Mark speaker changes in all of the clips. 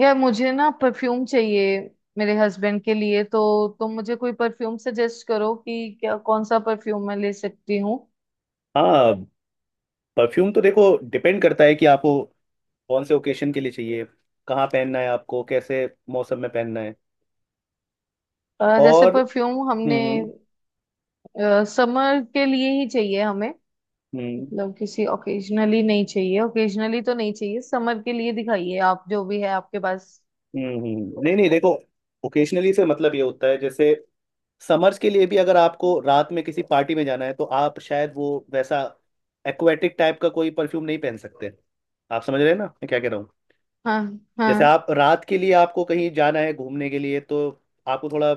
Speaker 1: यार मुझे ना परफ्यूम चाहिए मेरे हस्बैंड के लिए। तो तुम मुझे कोई परफ्यूम सजेस्ट करो कि क्या कौन सा परफ्यूम मैं ले सकती हूँ।
Speaker 2: हाँ, परफ्यूम तो देखो। डिपेंड करता है कि आपको कौन से ओकेशन के लिए चाहिए, कहाँ पहनना है आपको, कैसे मौसम में पहनना है।
Speaker 1: जैसे
Speaker 2: और
Speaker 1: परफ्यूम हमने
Speaker 2: हम्म हम्म
Speaker 1: समर के लिए ही चाहिए हमें।
Speaker 2: हम्म
Speaker 1: मतलब किसी ओकेजनली नहीं चाहिए, ओकेजनली तो नहीं चाहिए। समर के लिए दिखाइए आप जो भी है आपके पास।
Speaker 2: नहीं नहीं, देखो। ओकेशनली से मतलब ये होता है, जैसे समर्स के लिए भी अगर आपको रात में किसी पार्टी में जाना है, तो आप शायद वो वैसा एक्वेटिक टाइप का कोई परफ्यूम नहीं पहन सकते। आप समझ रहे हैं ना मैं क्या कह रहा हूँ?
Speaker 1: हाँ।
Speaker 2: जैसे
Speaker 1: हाँ।
Speaker 2: आप रात के लिए आपको कहीं जाना है घूमने के लिए, तो आपको थोड़ा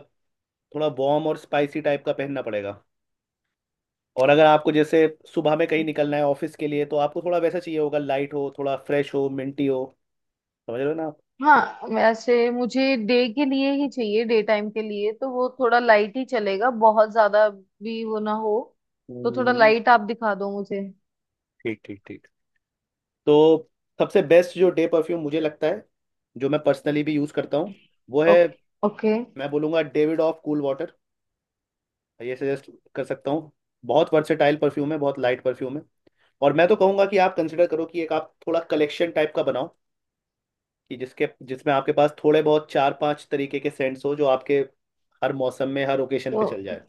Speaker 2: थोड़ा वार्म और स्पाइसी टाइप का पहनना पड़ेगा। और अगर आपको जैसे सुबह में कहीं निकलना है ऑफिस के लिए, तो आपको थोड़ा वैसा चाहिए होगा, लाइट हो, थोड़ा फ्रेश हो, मिंटी हो। समझ रहे हो ना आप?
Speaker 1: हाँ, वैसे मुझे डे के लिए ही चाहिए, डे टाइम के लिए, तो वो थोड़ा लाइट ही चलेगा, बहुत ज्यादा भी वो ना हो। तो थोड़ा
Speaker 2: हम्म,
Speaker 1: लाइट आप दिखा दो मुझे।
Speaker 2: ठीक ठीक ठीक। तो सबसे बेस्ट जो डे परफ्यूम मुझे लगता है, जो मैं पर्सनली भी यूज़ करता हूँ, वो है,
Speaker 1: ओके। ओके।
Speaker 2: मैं बोलूँगा, डेविड ऑफ कूल वाटर। ये सजेस्ट कर सकता हूँ। बहुत वर्सेटाइल परफ्यूम है, बहुत लाइट परफ्यूम है। और मैं तो कहूँगा कि आप कंसिडर करो कि एक आप थोड़ा कलेक्शन टाइप का बनाओ, कि जिसके जिसमें आपके पास थोड़े बहुत चार पांच तरीके के सेंट्स हो जो आपके हर मौसम में हर ओकेशन
Speaker 1: तो
Speaker 2: पे चल जाए।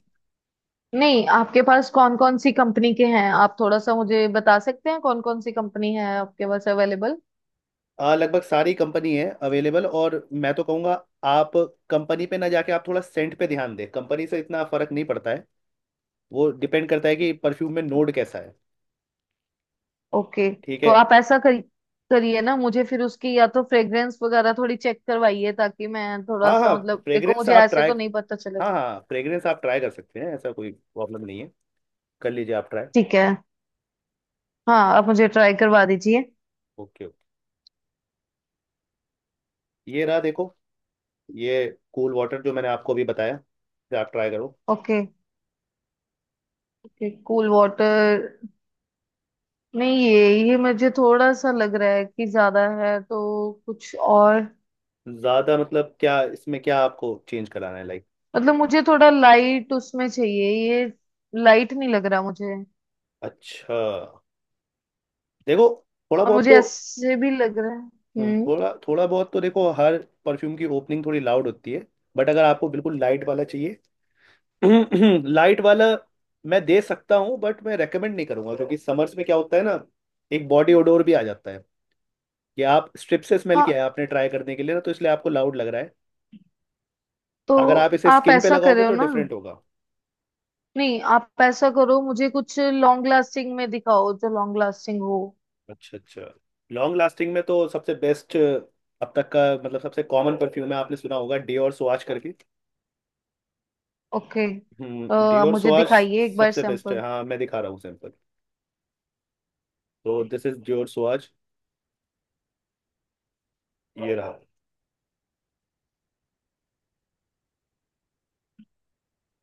Speaker 1: नहीं, आपके पास कौन कौन सी कंपनी के हैं? आप थोड़ा सा मुझे बता सकते हैं कौन कौन सी कंपनी है आपके पास अवेलेबल?
Speaker 2: लगभग सारी कंपनी है अवेलेबल। और मैं तो कहूँगा, आप कंपनी पे ना जाके आप थोड़ा सेंट पे ध्यान दें, कंपनी से इतना फर्क नहीं पड़ता है। वो डिपेंड करता है कि परफ्यूम में नोड कैसा है।
Speaker 1: ओके।
Speaker 2: ठीक
Speaker 1: तो
Speaker 2: है।
Speaker 1: आप ऐसा करिए, करिए ना मुझे फिर उसकी या तो फ्रेग्रेंस वगैरह थोड़ी चेक करवाइए, ताकि मैं थोड़ा
Speaker 2: हाँ हाँ
Speaker 1: सा, मतलब देखो
Speaker 2: फ्रेग्रेंस
Speaker 1: मुझे
Speaker 2: आप
Speaker 1: ऐसे
Speaker 2: ट्राई
Speaker 1: तो नहीं पता
Speaker 2: हाँ
Speaker 1: चलेगा।
Speaker 2: हाँ, फ्रेग्रेंस आप ट्राई कर सकते हैं, ऐसा कोई प्रॉब्लम नहीं है। कर लीजिए, आप ट्राई।
Speaker 1: ठीक है। हाँ, आप मुझे ट्राई करवा दीजिए।
Speaker 2: Okay okay. ये रहा, देखो। ये कूल वाटर जो मैंने आपको अभी बताया, इसे आप ट्राई करो।
Speaker 1: ओके। Okay, Cool Water. नहीं, ये मुझे थोड़ा सा लग रहा है कि ज्यादा है, तो कुछ और।
Speaker 2: ज़्यादा मतलब क्या? इसमें क्या आपको चेंज कराना है, लाइक?
Speaker 1: मतलब मुझे थोड़ा लाइट उसमें चाहिए, ये लाइट नहीं लग रहा मुझे।
Speaker 2: अच्छा, देखो। थोड़ा
Speaker 1: और
Speaker 2: बहुत
Speaker 1: मुझे
Speaker 2: तो
Speaker 1: ऐसे भी लग रहा है। हम्म।
Speaker 2: थोड़ा बहुत तो देखो, हर परफ्यूम की ओपनिंग थोड़ी लाउड होती है। बट अगर आपको बिल्कुल लाइट वाला चाहिए, लाइट वाला मैं दे सकता हूँ, बट मैं रेकमेंड नहीं करूंगा, क्योंकि समर्स में क्या होता है ना, एक बॉडी ओडोर भी आ जाता है। कि आप स्ट्रिप से स्मेल किया
Speaker 1: हाँ,
Speaker 2: है, आपने ट्राई करने के लिए ना, तो इसलिए आपको लाउड लग रहा है।
Speaker 1: तो
Speaker 2: अगर आप इसे
Speaker 1: आप
Speaker 2: स्किन पे
Speaker 1: ऐसा
Speaker 2: लगाओगे
Speaker 1: करे हो
Speaker 2: तो
Speaker 1: ना,
Speaker 2: डिफरेंट होगा।
Speaker 1: नहीं आप ऐसा करो, मुझे कुछ लॉन्ग लास्टिंग में दिखाओ, जो लॉन्ग लास्टिंग हो।
Speaker 2: अच्छा अच्छा। लॉन्ग लास्टिंग में तो सबसे बेस्ट अब तक का मतलब सबसे कॉमन परफ्यूम है, आपने सुना होगा, डियोर स्वाच करके।
Speaker 1: ओके। आप
Speaker 2: डियोर
Speaker 1: मुझे
Speaker 2: स्वाच
Speaker 1: दिखाइए एक बार
Speaker 2: सबसे बेस्ट है।
Speaker 1: सैंपल।
Speaker 2: हाँ, मैं दिखा रहा हूँ सैंपल। तो दिस इज योर स्वाज। ये रहा।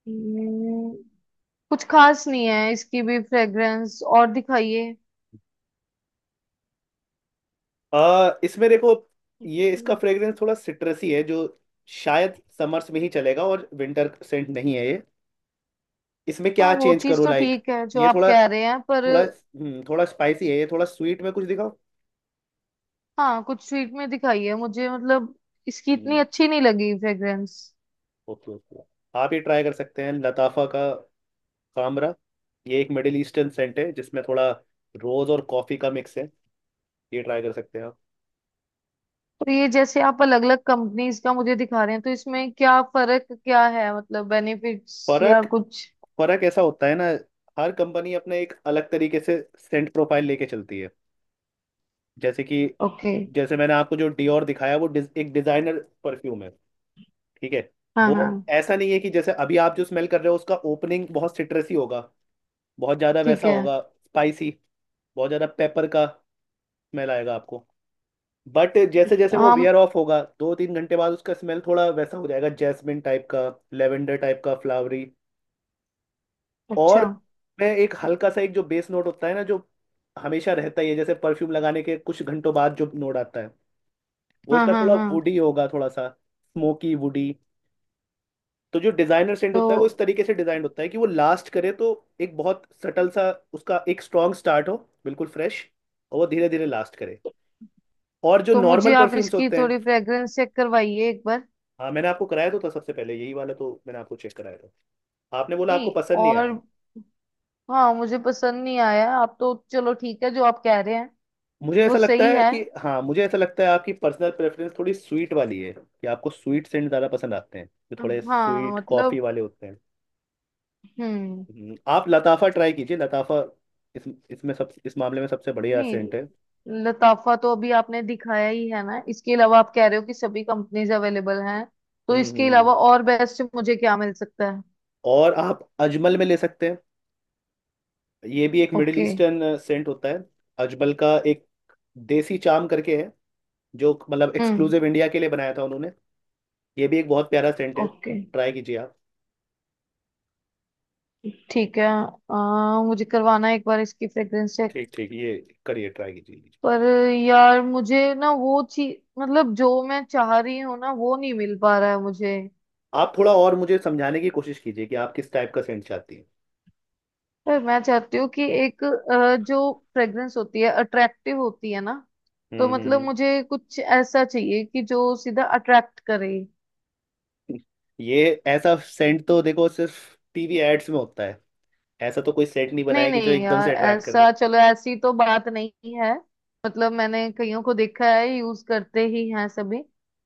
Speaker 1: हम्म, कुछ खास नहीं है इसकी भी फ्रेग्रेंस, और दिखाइए।
Speaker 2: इसमें देखो, ये इसका
Speaker 1: Okay.
Speaker 2: फ्रेग्रेंस थोड़ा सिट्रसी है, जो शायद समर्स में ही चलेगा, और विंटर सेंट नहीं है ये। इसमें
Speaker 1: हाँ
Speaker 2: क्या
Speaker 1: वो
Speaker 2: चेंज
Speaker 1: चीज
Speaker 2: करो,
Speaker 1: तो
Speaker 2: लाइक?
Speaker 1: ठीक है जो
Speaker 2: ये
Speaker 1: आप
Speaker 2: थोड़ा
Speaker 1: कह रहे हैं, पर
Speaker 2: थोड़ा थोड़ा स्पाइसी है, ये थोड़ा स्वीट में कुछ दिखाओ।
Speaker 1: हाँ कुछ स्वीट में दिखाई है मुझे, मतलब इसकी इतनी अच्छी नहीं लगी फ्रेग्रेंस।
Speaker 2: Okay okay. आप ये ट्राई कर सकते हैं, लताफा का कामरा। ये एक मिडिल ईस्टर्न सेंट है जिसमें थोड़ा रोज और कॉफी का मिक्स है। ये ट्राई कर सकते हैं आप।
Speaker 1: तो ये जैसे आप अलग अलग कंपनीज का मुझे दिखा रहे हैं, तो इसमें क्या फर्क क्या है? मतलब बेनिफिट्स या
Speaker 2: फर्क
Speaker 1: कुछ।
Speaker 2: फर्क ऐसा होता है ना। हर कंपनी अपने एक अलग तरीके से सेंट प्रोफाइल लेके चलती है, जैसे कि।
Speaker 1: ओके।
Speaker 2: जैसे मैंने आपको जो डियोर दिखाया, वो एक डिजाइनर परफ्यूम है। ठीक है।
Speaker 1: हाँ
Speaker 2: वो
Speaker 1: हाँ।
Speaker 2: ऐसा नहीं है कि जैसे अभी आप जो स्मेल कर रहे हो, उसका ओपनिंग बहुत सिट्रसी होगा, बहुत ज्यादा
Speaker 1: ठीक
Speaker 2: वैसा
Speaker 1: है।
Speaker 2: होगा स्पाइसी, बहुत ज्यादा पेपर का स्मेल आएगा आपको। बट जैसे जैसे वो वियर
Speaker 1: हम।
Speaker 2: ऑफ होगा, दो तीन घंटे बाद उसका स्मेल थोड़ा वैसा हो जाएगा, जैस्मिन टाइप का, लेवेंडर टाइप का, फ्लावरी। और
Speaker 1: अच्छा।
Speaker 2: मैं एक हल्का सा, एक जो बेस नोट होता है ना जो हमेशा रहता ही है, जैसे परफ्यूम लगाने के कुछ घंटों बाद जो नोट आता है, वो
Speaker 1: हाँ
Speaker 2: इसका
Speaker 1: हाँ
Speaker 2: थोड़ा
Speaker 1: हाँ।
Speaker 2: वुडी होगा, थोड़ा सा स्मोकी वुडी। तो जो डिजाइनर सेंट होता है, वो इस
Speaker 1: तो
Speaker 2: तरीके से डिजाइन होता है कि वो लास्ट करे, तो एक बहुत सटल सा उसका एक स्ट्रॉन्ग स्टार्ट हो, बिल्कुल फ्रेश, और वो धीरे धीरे लास्ट करे। और जो
Speaker 1: तो मुझे
Speaker 2: नॉर्मल
Speaker 1: आप
Speaker 2: परफ्यूम्स
Speaker 1: इसकी
Speaker 2: होते हैं।
Speaker 1: थोड़ी फ्रेग्रेंस चेक करवाइए एक बार।
Speaker 2: हाँ, मैंने आपको कराया तो था सबसे पहले यही वाला, तो मैंने आपको चेक कराया था, आपने बोला आपको
Speaker 1: नहीं,
Speaker 2: पसंद नहीं
Speaker 1: और
Speaker 2: आया।
Speaker 1: हाँ मुझे पसंद नहीं आया, आप तो चलो ठीक है जो आप कह रहे हैं। वो सही है।
Speaker 2: मुझे ऐसा लगता है आपकी पर्सनल प्रेफरेंस थोड़ी स्वीट वाली है, कि आपको स्वीट सेंट ज़्यादा पसंद आते हैं, जो थोड़े
Speaker 1: हाँ
Speaker 2: स्वीट कॉफ़ी
Speaker 1: मतलब।
Speaker 2: वाले होते हैं।
Speaker 1: हम्म।
Speaker 2: आप लताफा ट्राई कीजिए, लताफा। इस इसमें सब, इस मामले में सबसे बढ़िया सेंट है।
Speaker 1: नहीं, लताफा तो अभी आपने दिखाया ही है ना, इसके अलावा आप कह रहे हो कि सभी कंपनीज अवेलेबल हैं, तो
Speaker 2: हम्म हम्म,
Speaker 1: इसके
Speaker 2: हम्म।
Speaker 1: अलावा और बेस्ट मुझे क्या मिल सकता है?
Speaker 2: और आप अजमल में ले सकते हैं। ये भी एक मिडिल
Speaker 1: ओके।
Speaker 2: ईस्टर्न सेंट होता है। अजमल का एक देसी चाम करके है, जो मतलब
Speaker 1: हम्म।
Speaker 2: एक्सक्लूसिव इंडिया के लिए बनाया था उन्होंने। ये भी एक बहुत प्यारा सेंट है।
Speaker 1: ओके।
Speaker 2: ट्राई कीजिए आप।
Speaker 1: ठीक है। मुझे करवाना है एक बार इसकी फ्रेग्रेंस चेक।
Speaker 2: ठीक ठीक, ये करिए, ट्राई कीजिए।
Speaker 1: पर यार मुझे ना वो चीज, मतलब जो मैं चाह रही हूँ ना, वो नहीं मिल पा रहा है मुझे।
Speaker 2: आप थोड़ा और मुझे समझाने की कोशिश कीजिए कि आप किस टाइप का सेंट चाहती हैं।
Speaker 1: पर मैं चाहती हूँ कि एक, जो फ्रेग्रेंस होती है अट्रैक्टिव होती है ना, तो
Speaker 2: हम्म हम्म,
Speaker 1: मतलब
Speaker 2: हम्म।
Speaker 1: मुझे कुछ ऐसा चाहिए कि जो सीधा अट्रैक्ट करे।
Speaker 2: ये ऐसा सेंट तो देखो सिर्फ TV एड्स में होता है, ऐसा तो कोई सेंट नहीं
Speaker 1: नहीं
Speaker 2: बनाएगी जो
Speaker 1: नहीं
Speaker 2: एकदम से
Speaker 1: यार,
Speaker 2: अट्रैक्ट कर दे।
Speaker 1: ऐसा, चलो ऐसी तो बात नहीं है। मतलब मैंने कईयों को देखा है, यूज करते ही हैं सभी,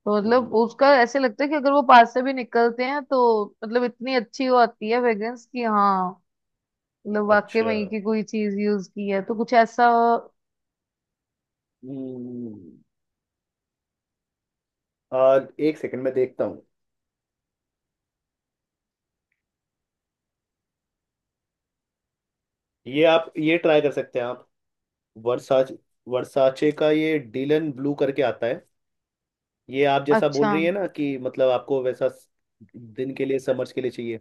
Speaker 1: तो
Speaker 2: हम्म,
Speaker 1: मतलब उसका ऐसे लगता है कि अगर वो पास से भी निकलते हैं तो, मतलब इतनी अच्छी वो आती है फ्रेग्रेंस कि हाँ, मतलब वाकई
Speaker 2: अच्छा।
Speaker 1: में की कोई चीज यूज की है तो, कुछ ऐसा।
Speaker 2: हम्म और एक सेकंड में देखता हूँ। ये आप, ये ट्राई कर सकते हैं आप, वर्साच वर्साचे का ये डीलन ब्लू करके आता है। ये आप जैसा बोल
Speaker 1: अच्छा।
Speaker 2: रही है ना, कि मतलब आपको वैसा दिन के लिए, समर्स के लिए चाहिए।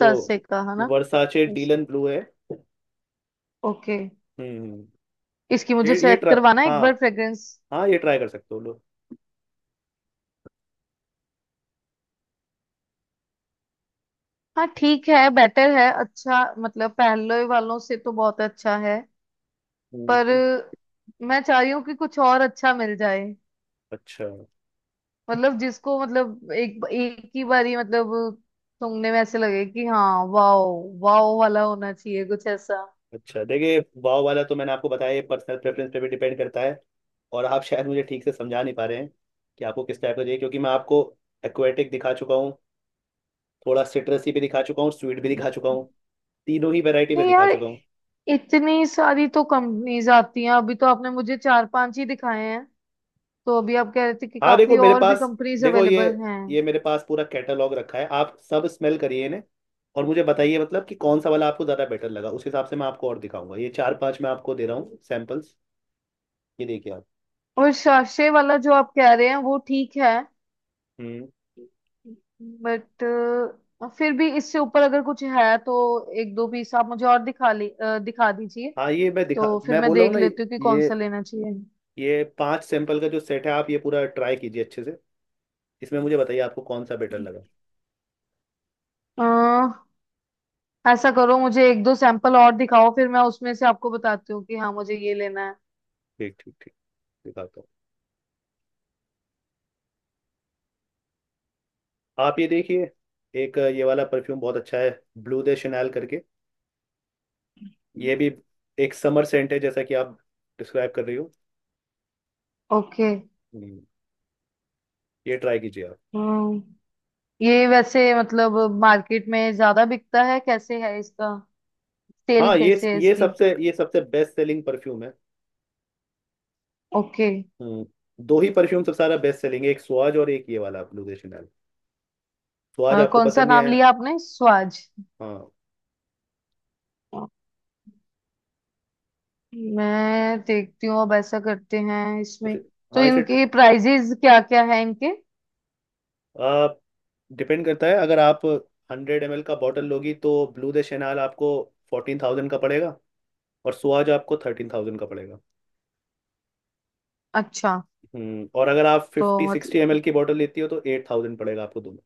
Speaker 2: तो
Speaker 1: से का है ना?
Speaker 2: वर्साचे डीलन ब्लू है।
Speaker 1: ओके।
Speaker 2: हम्म।
Speaker 1: इसकी मुझे
Speaker 2: ये
Speaker 1: चेक
Speaker 2: ट्राई
Speaker 1: करवाना है
Speaker 2: हाँ
Speaker 1: एक बार फ्रेग्रेंस।
Speaker 2: हाँ, ये ट्राई कर सकते हो लोग।
Speaker 1: हाँ ठीक है, बेटर है, अच्छा मतलब पहले वालों से तो बहुत अच्छा है, पर
Speaker 2: हम्म,
Speaker 1: मैं चाह रही हूँ कि कुछ और अच्छा मिल जाए।
Speaker 2: अच्छा।
Speaker 1: मतलब जिसको, मतलब एक एक ही बारी, मतलब सुनने में ऐसे लगे कि हाँ वाओ। वाओ वाला होना चाहिए, कुछ ऐसा।
Speaker 2: अच्छा देखिए, वाव वाला तो मैंने आपको बताया, ये पर्सनल प्रेफरेंस पे भी डिपेंड करता है, और आप शायद मुझे ठीक से समझा नहीं पा रहे हैं कि आपको किस टाइप का चाहिए, क्योंकि मैं आपको एक्वेटिक दिखा चुका हूँ, थोड़ा सिट्रसी भी दिखा चुका हूँ, स्वीट भी दिखा चुका
Speaker 1: नहीं
Speaker 2: हूँ, तीनों ही वैरायटी में दिखा
Speaker 1: यार,
Speaker 2: चुका हूँ।
Speaker 1: इतनी सारी तो कंपनीज आती हैं, अभी तो आपने मुझे चार पांच ही दिखाए हैं, तो अभी आप कह रहे थे कि
Speaker 2: हाँ,
Speaker 1: काफी और भी कंपनीज
Speaker 2: देखो, ये
Speaker 1: अवेलेबल हैं।
Speaker 2: ये मेरे पास पूरा कैटलॉग रखा है, आप सब स्मेल करिए इन्हें, और मुझे बताइए मतलब कि कौन सा वाला आपको ज़्यादा बेटर लगा, उस हिसाब से मैं आपको और दिखाऊंगा, ये चार पांच मैं आपको दे रहा हूँ सैम्पल्स। ये देखिए आप।
Speaker 1: और शाशे वाला जो आप कह रहे हैं वो ठीक है,
Speaker 2: हम्म।
Speaker 1: बट फिर भी इससे ऊपर अगर कुछ है तो एक दो पीस आप मुझे और दिखा दीजिए,
Speaker 2: हाँ, ये मैं दिखा
Speaker 1: तो फिर
Speaker 2: मैं
Speaker 1: मैं
Speaker 2: बोल रहा हूँ
Speaker 1: देख
Speaker 2: ना।
Speaker 1: लेती हूँ कि कौन
Speaker 2: ये
Speaker 1: सा लेना चाहिए।
Speaker 2: ये पांच सैंपल का जो सेट है, आप ये पूरा ट्राई कीजिए अच्छे से। इसमें मुझे बताइए आपको कौन सा बेटर लगा।
Speaker 1: अ, ऐसा करो, मुझे एक दो सैंपल और दिखाओ, फिर मैं उसमें से आपको बताती हूँ कि हाँ मुझे ये लेना है।
Speaker 2: ठीक ठीक ठीक, दिखाता हूँ। आप ये देखिए, एक ये वाला परफ्यूम बहुत अच्छा है, ब्लू दे शनैल करके। ये भी एक समर सेंट है, जैसा कि आप डिस्क्राइब कर रही हो।
Speaker 1: ओके।
Speaker 2: हम्म, ये ट्राई कीजिए आप।
Speaker 1: हम्म। ये वैसे, मतलब मार्केट में ज्यादा बिकता है? कैसे है इसका सेल?
Speaker 2: हाँ,
Speaker 1: कैसे है इसकी?
Speaker 2: ये सबसे बेस्ट सेलिंग परफ्यूम है।
Speaker 1: ओके।
Speaker 2: हम्म, दो ही परफ्यूम सबसे सारा बेस्ट सेलिंग है, एक स्वाज और एक ये वाला ब्लू दे शनैल। स्वाज आपको
Speaker 1: कौन सा
Speaker 2: पसंद नहीं
Speaker 1: नाम
Speaker 2: आया।
Speaker 1: लिया आपने, स्वाज?
Speaker 2: हाँ,
Speaker 1: मैं देखती हूँ, अब ऐसा करते हैं इसमें।
Speaker 2: इसे
Speaker 1: तो
Speaker 2: हाँ इसे
Speaker 1: इनके प्राइजेस क्या क्या है इनके?
Speaker 2: आप डिपेंड करता है, अगर आप 100 ml का बॉटल लोगी तो ब्लू दे शेनाल आपको 14,000 का पड़ेगा, और सुहाज आपको 13,000 का पड़ेगा।
Speaker 1: अच्छा।
Speaker 2: और अगर आप फिफ्टी
Speaker 1: तो मतलब
Speaker 2: सिक्सटी एम एल की बॉटल लेती हो तो 8,000 पड़ेगा आपको दोनों।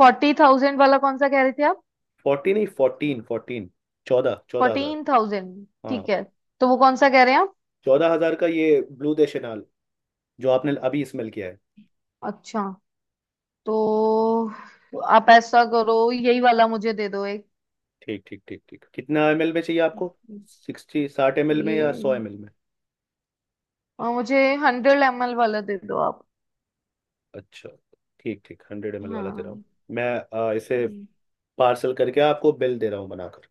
Speaker 1: 40,000 वाला कौन सा कह रहे थे आप?
Speaker 2: फोर्टी नहीं, फोर्टीन फोर्टीन, चौदह चौदह हजार।
Speaker 1: 14,000
Speaker 2: हाँ।
Speaker 1: ठीक है। तो वो कौन सा कह रहे हैं आप?
Speaker 2: 14,000 का ये ब्लू दे शेनाल जो आपने अभी स्मेल किया है।
Speaker 1: अच्छा। तो आप ऐसा करो, यही वाला मुझे दे दो एक।
Speaker 2: ठीक ठीक ठीक ठीक, कितना ml में चाहिए आपको, 60 ml में या सौ
Speaker 1: ये,
Speaker 2: एम एल में?
Speaker 1: और मुझे 100 ml वाला दे दो आप।
Speaker 2: अच्छा, ठीक ठीक, 100 ml वाला दे रहा हूँ।
Speaker 1: हाँ।
Speaker 2: मैं इसे पार्सल करके आपको बिल दे रहा हूँ बनाकर।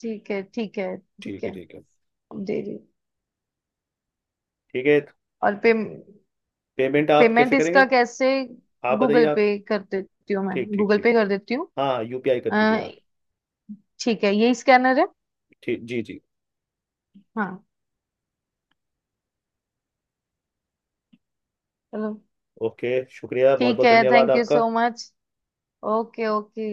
Speaker 1: ठीक है। ठीक है। ठीक
Speaker 2: ठीक
Speaker 1: है,
Speaker 2: है, ठीक है,
Speaker 1: अब दे रही हूँ।
Speaker 2: ठीक है।
Speaker 1: और पे,
Speaker 2: पेमेंट आप
Speaker 1: पेमेंट
Speaker 2: कैसे करेंगे,
Speaker 1: इसका कैसे?
Speaker 2: आप बताइए
Speaker 1: गूगल
Speaker 2: आप।
Speaker 1: पे कर देती हूँ, मैं
Speaker 2: ठीक ठीक
Speaker 1: गूगल पे
Speaker 2: ठीक,
Speaker 1: कर देती हूँ।
Speaker 2: हाँ, UPI कर
Speaker 1: अ,
Speaker 2: दीजिए आप।
Speaker 1: ठीक है, यही स्कैनर है?
Speaker 2: ठीक जी जी।
Speaker 1: हाँ। चलो।
Speaker 2: ओके, शुक्रिया, बहुत
Speaker 1: ठीक
Speaker 2: बहुत
Speaker 1: है,
Speaker 2: धन्यवाद
Speaker 1: थैंक यू
Speaker 2: आपका।
Speaker 1: So much. ओके। ओके।